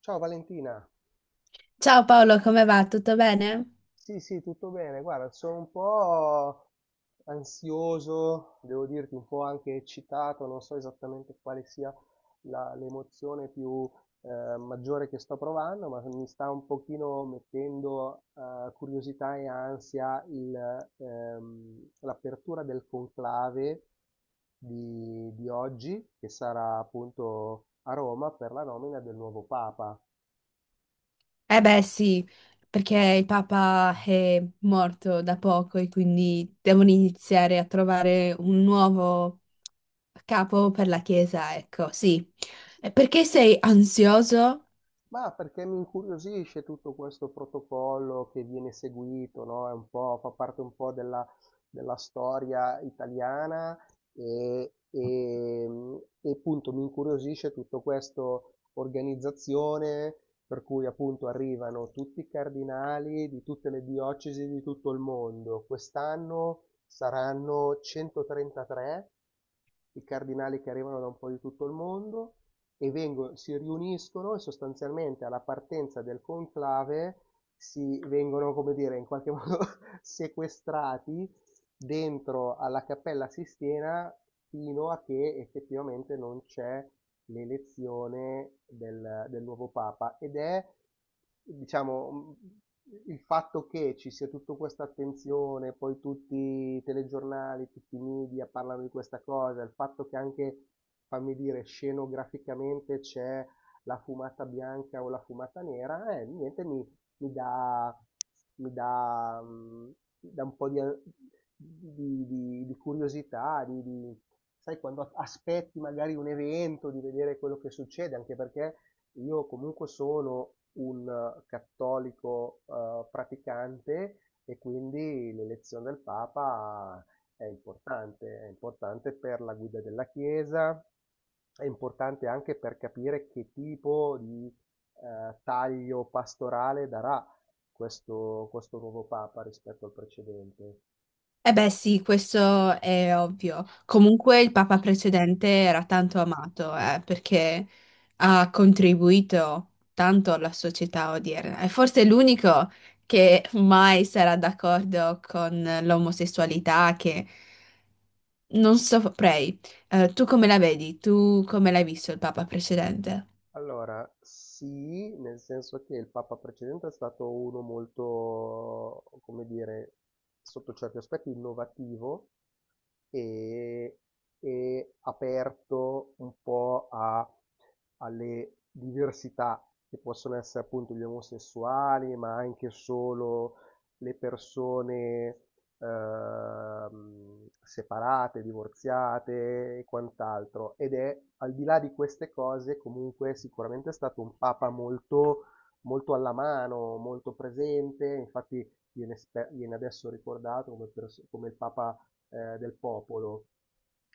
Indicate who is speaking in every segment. Speaker 1: Ciao Valentina,
Speaker 2: Ciao Paolo, come va? Tutto bene?
Speaker 1: sì sì, tutto bene, guarda, sono un po' ansioso, devo dirti un po' anche eccitato, non so esattamente quale sia l'emozione più maggiore che sto provando, ma mi sta un pochino mettendo curiosità e ansia l'apertura del conclave di oggi, che sarà appunto a Roma per la nomina del nuovo Papa.
Speaker 2: Eh beh sì, perché il Papa è morto da poco e quindi devono iniziare a trovare un nuovo capo per la Chiesa, ecco, sì. E perché sei ansioso?
Speaker 1: Ma perché mi incuriosisce tutto questo protocollo che viene seguito, no? È un po', fa parte un po' della storia italiana e, e, mm, e appunto mi incuriosisce tutto questo organizzazione per cui appunto arrivano tutti i cardinali di tutte le diocesi di tutto il mondo. Quest'anno saranno 133 i cardinali che arrivano da un po' di tutto il mondo e si riuniscono e sostanzialmente alla partenza del conclave si vengono, come dire, in qualche modo sequestrati dentro alla Cappella Sistina fino a che effettivamente non c'è l'elezione del nuovo Papa ed è diciamo, il fatto che ci sia tutta questa attenzione, poi tutti i telegiornali, tutti i media parlano di questa cosa, il fatto che anche, fammi dire, scenograficamente c'è la fumata bianca o la fumata nera, niente, mi dà, mi dà, mhmm, mi dà un po' di curiosità, sai, quando aspetti magari un evento, di vedere quello che succede, anche perché io comunque sono un cattolico, praticante e quindi l'elezione del Papa è importante per la guida della Chiesa, è importante anche per capire che tipo di taglio pastorale darà questo nuovo Papa rispetto al precedente.
Speaker 2: Eh beh sì, questo è ovvio. Comunque il papa precedente era tanto amato, perché ha contribuito tanto alla società odierna. È forse l'unico che mai sarà d'accordo con l'omosessualità, che non saprei. Tu come la vedi? Tu come l'hai visto il papa precedente?
Speaker 1: Allora, sì, nel senso che il Papa precedente è stato uno molto, come dire, sotto certi aspetti innovativo, e, e aperto un po' alle diversità che possono essere appunto gli omosessuali, ma anche solo le persone separate, divorziate e quant'altro. Ed è al di là di queste cose, comunque sicuramente è stato un papa molto, molto alla mano, molto presente, infatti viene, viene adesso ricordato come, come il papa del popolo.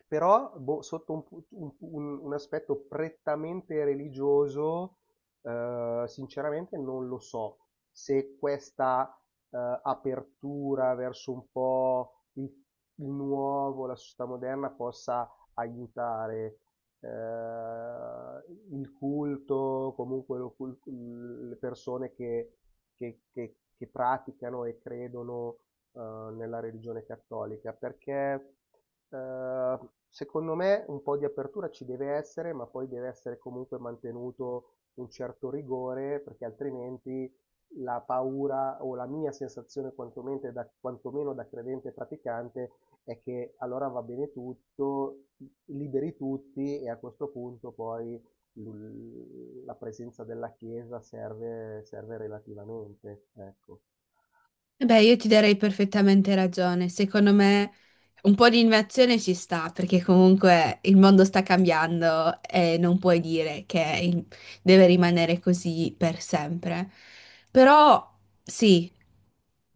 Speaker 1: Però boh, sotto un, pu- un aspetto prettamente religioso, sinceramente non lo so se questa apertura verso un po' il nuovo, la società moderna possa aiutare eh, il culto, comunque le persone che praticano e credono nella religione cattolica, perché eh, secondo me un po' di apertura ci deve essere, ma poi deve essere comunque mantenuto un certo rigore, perché altrimenti la paura o la mia sensazione quantomeno quantomeno da credente e praticante è che allora va bene tutto, liberi tutti e a questo punto poi la presenza della Chiesa serve, serve relativamente, ecco.
Speaker 2: Eh beh, io ti darei perfettamente ragione. Secondo me un po' di innovazione ci sta, perché comunque il mondo sta cambiando e non puoi dire che deve rimanere così per sempre. Però sì,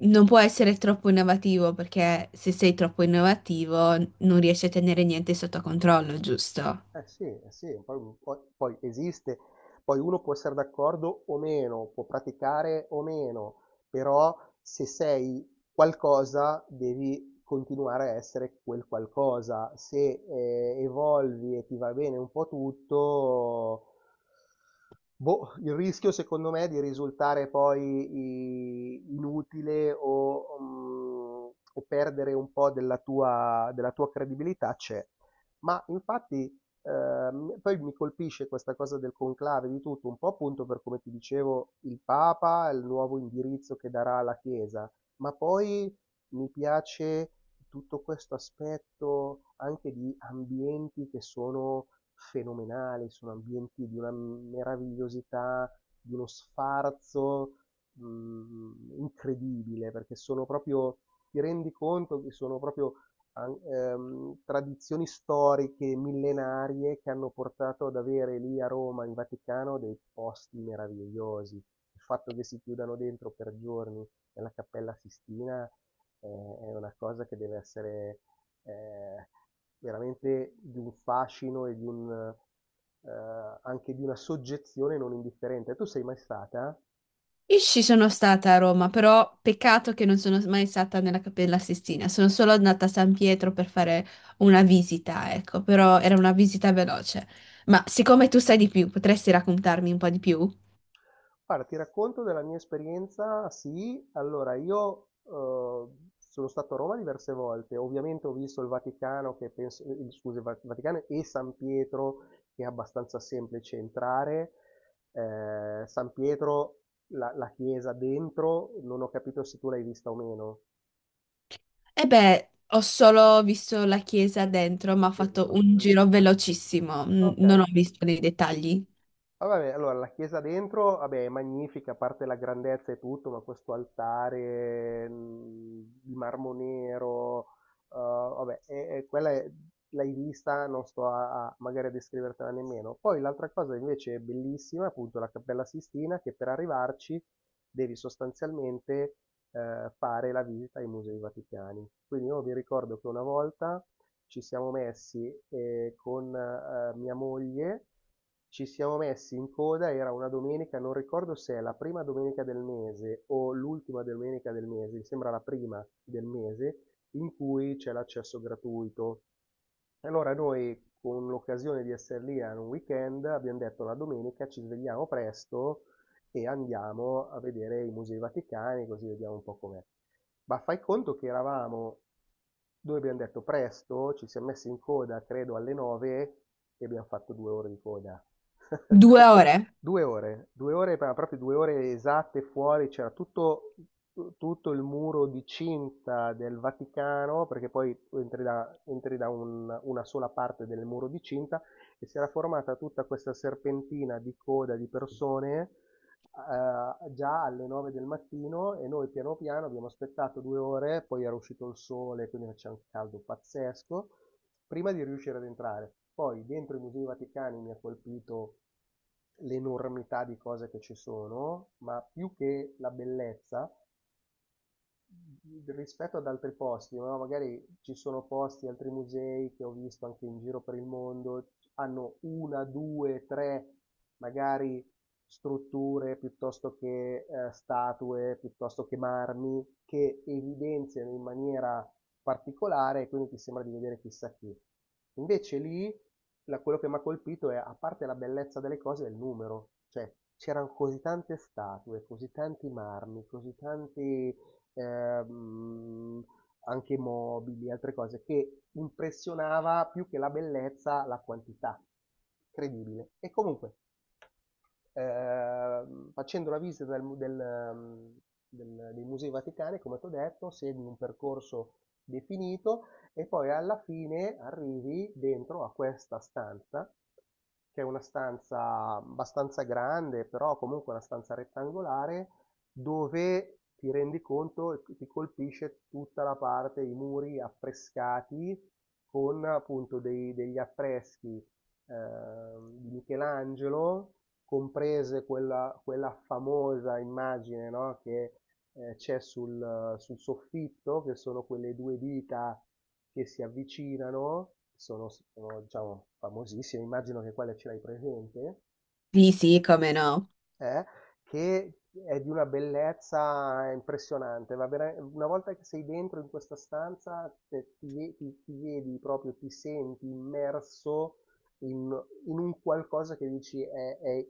Speaker 2: non può essere troppo innovativo, perché se sei troppo innovativo non riesci a tenere niente sotto controllo, giusto?
Speaker 1: Sì, eh sì, poi esiste poi uno può essere d'accordo o meno, può praticare o meno, però se sei qualcosa devi continuare a essere quel qualcosa. Se evolvi e ti va bene un po' tutto, boh, il rischio secondo me è di risultare poi inutile o o perdere un po' della tua credibilità c'è. Ma infatti poi mi colpisce questa cosa del conclave di tutto, un po' appunto per come ti dicevo il Papa, il nuovo indirizzo che darà alla Chiesa, ma poi mi piace tutto questo aspetto anche di ambienti che sono fenomenali, sono ambienti di una meravigliosità, di uno sfarzo incredibile, perché sono proprio, ti rendi conto che sono proprio tradizioni storiche millenarie che hanno portato ad avere lì a Roma, in Vaticano, dei posti meravigliosi. Il fatto che si chiudano dentro per giorni nella Cappella Sistina è una cosa che deve essere eh, veramente di un fascino e di un, eh, anche di una soggezione non indifferente. Tu sei mai stata?
Speaker 2: Io ci sono stata a Roma, però peccato che non sono mai stata nella Cappella Sistina, sono solo andata a San Pietro per fare una visita, ecco, però era una visita veloce. Ma siccome tu sai di più, potresti raccontarmi un po' di più?
Speaker 1: Guarda, ti racconto della mia esperienza, sì, allora io sono stato a Roma diverse volte, ovviamente ho visto il Vaticano, che penso, scusi, il Vaticano e San Pietro, che è abbastanza semplice entrare. San Pietro, la chiesa dentro, non ho capito se tu l'hai vista o meno,
Speaker 2: E beh, ho solo visto la chiesa dentro, ma ho fatto
Speaker 1: dentro.
Speaker 2: un giro velocissimo,
Speaker 1: Ok,
Speaker 2: non ho visto nei dettagli.
Speaker 1: ah, vabbè, allora la chiesa dentro, vabbè, è magnifica, a parte la grandezza e tutto, ma questo altare di marmo nero, vabbè, quella l'hai vista, non sto magari a descrivertela nemmeno. Poi l'altra cosa invece è bellissima, appunto la Cappella Sistina, che per arrivarci devi sostanzialmente fare la visita ai musei vaticani. Quindi io vi ricordo che una volta ci siamo messi con mia moglie, ci siamo messi in coda, era una domenica, non ricordo se è la prima domenica del mese o l'ultima domenica del mese, mi sembra la prima del mese, in cui c'è l'accesso gratuito. Allora noi, con l'occasione di essere lì a un weekend, abbiamo detto la domenica ci svegliamo presto e andiamo a vedere i musei vaticani, così vediamo un po' com'è. Ma fai conto che eravamo, noi abbiamo detto presto, ci siamo messi in coda, credo, alle 9 e abbiamo fatto due ore di coda.
Speaker 2: Due ore?
Speaker 1: Due ore, ma proprio due ore esatte fuori, c'era tutto, tutto il muro di cinta del Vaticano, perché poi tu entri da, una sola parte del muro di cinta e si era formata tutta questa serpentina di coda di persone già alle 9 del mattino e noi piano piano abbiamo aspettato due ore, poi era uscito il sole, quindi faceva un caldo pazzesco, prima di riuscire ad entrare. Poi dentro i Musei Vaticani mi ha colpito l'enormità di cose che ci sono, ma più che la bellezza, rispetto ad altri posti, no, magari ci sono posti, altri musei che ho visto anche in giro per il mondo, hanno una, due, tre magari strutture piuttosto che statue, piuttosto che marmi, che evidenziano in maniera particolare e quindi ti sembra di vedere chissà chi. Invece lì quello che mi ha colpito è, a parte la bellezza delle cose, è il numero, cioè c'erano così tante statue, così tanti marmi, così tanti ehm, anche mobili, altre cose, che impressionava più che la bellezza, la quantità. Incredibile. E comunque, facendo la visita del mu- del, del- dei musei vaticani, come ti ho detto, segui un percorso definito e poi alla fine arrivi dentro a questa stanza, che è una stanza abbastanza grande, però comunque una stanza rettangolare, dove ti rendi conto e ti colpisce tutta la parte, i muri affrescati con appunto degli affreschi di Michelangelo, comprese quella, quella famosa immagine, no, che c'è sul soffitto, che sono quelle due dita che si avvicinano, diciamo, famosissime, immagino che quella ce l'hai presente
Speaker 2: Sì, sì, come no.
Speaker 1: eh, che è di una bellezza impressionante. Va bene? Una volta che sei dentro in questa stanza, ti vedi proprio, ti senti immerso in, in un qualcosa che dici,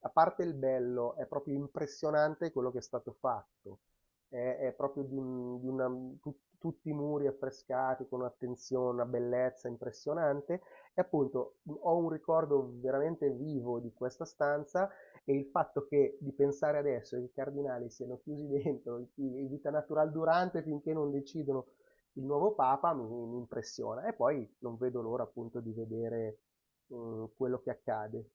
Speaker 1: a parte il bello, è proprio impressionante quello che è stato fatto. È proprio di una, tutti i muri affrescati con un'attenzione, una bellezza impressionante. E appunto ho un ricordo veramente vivo di questa stanza e il fatto che di pensare adesso che i cardinali siano chiusi dentro vita natural durante finché non decidono il nuovo Papa mi impressiona. E poi non vedo l'ora appunto di vedere quello che accade.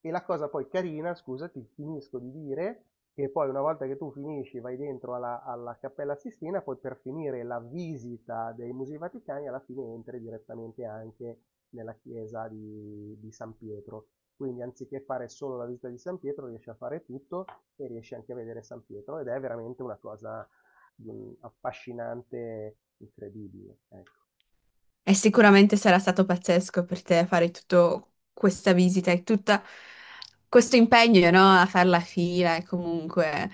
Speaker 1: E la cosa poi carina, scusati, finisco di dire, che poi una volta che tu finisci, vai dentro alla, alla Cappella Sistina, poi per finire la visita dei Musei Vaticani, alla fine entri direttamente anche nella chiesa di San Pietro. Quindi anziché fare solo la visita di San Pietro, riesci a fare tutto e riesci anche a vedere San Pietro ed è veramente una cosa affascinante, incredibile. Ecco.
Speaker 2: E sicuramente sarà stato pazzesco per te fare tutta questa visita e tutto questo impegno, no? A fare la fila e comunque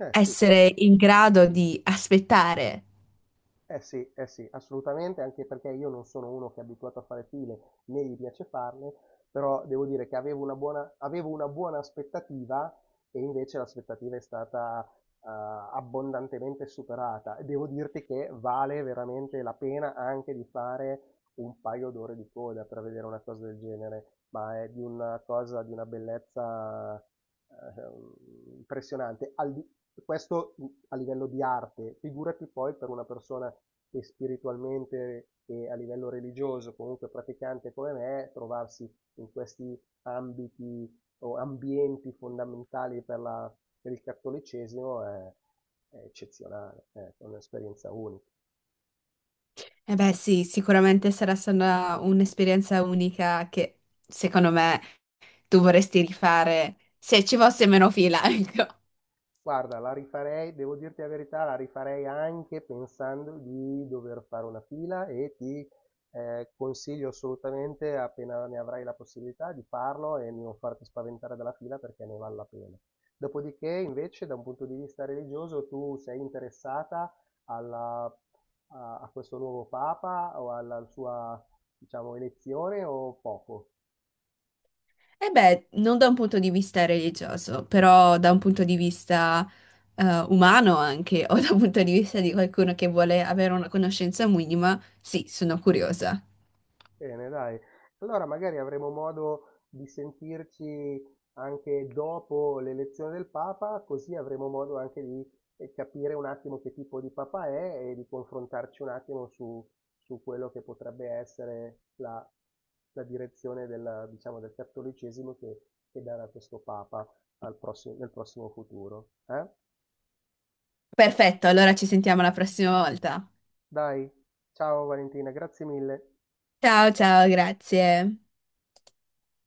Speaker 1: Eh sì,
Speaker 2: essere in grado di aspettare.
Speaker 1: eh sì, eh sì, assolutamente, anche perché io non sono uno che è abituato a fare file, né gli piace farle, però devo dire che avevo una buona aspettativa e invece l'aspettativa è stata eh, abbondantemente superata e devo dirti che vale veramente la pena anche di fare un paio d'ore di coda per vedere una cosa del genere, ma è di una cosa di una bellezza impressionante. Questo a livello di arte, figurati poi per una persona che spiritualmente e a livello religioso, comunque praticante come me, trovarsi in questi ambiti o ambienti fondamentali per la per il cattolicesimo è eccezionale, ecco, è un'esperienza unica.
Speaker 2: E beh, sì, sicuramente sarà stata un'esperienza unica che secondo me tu vorresti rifare se ci fosse meno fila, ecco.
Speaker 1: Guarda, la rifarei, devo dirti la verità, la rifarei anche pensando di dover fare una fila e ti consiglio assolutamente, appena ne avrai la possibilità, di farlo e non farti spaventare dalla fila perché ne vale la pena. Dopodiché, invece, da un punto di vista religioso, tu sei interessata alla- a, a questo nuovo Papa o alla sua, diciamo, elezione o poco?
Speaker 2: E beh, non da un punto di vista religioso, però da un punto di vista umano anche, o da un punto di vista di qualcuno che vuole avere una conoscenza minima, sì, sono curiosa.
Speaker 1: Bene, dai. Allora magari avremo modo di sentirci anche dopo l'elezione del Papa, così avremo modo anche di capire un attimo che tipo di Papa è e di confrontarci un attimo su, su quello che potrebbe essere la, la direzione diciamo, del cattolicesimo che darà questo Papa nel prossimo futuro. Eh?
Speaker 2: Perfetto, allora ci sentiamo la prossima volta.
Speaker 1: Dai, ciao Valentina, grazie mille.
Speaker 2: Ciao, ciao, grazie.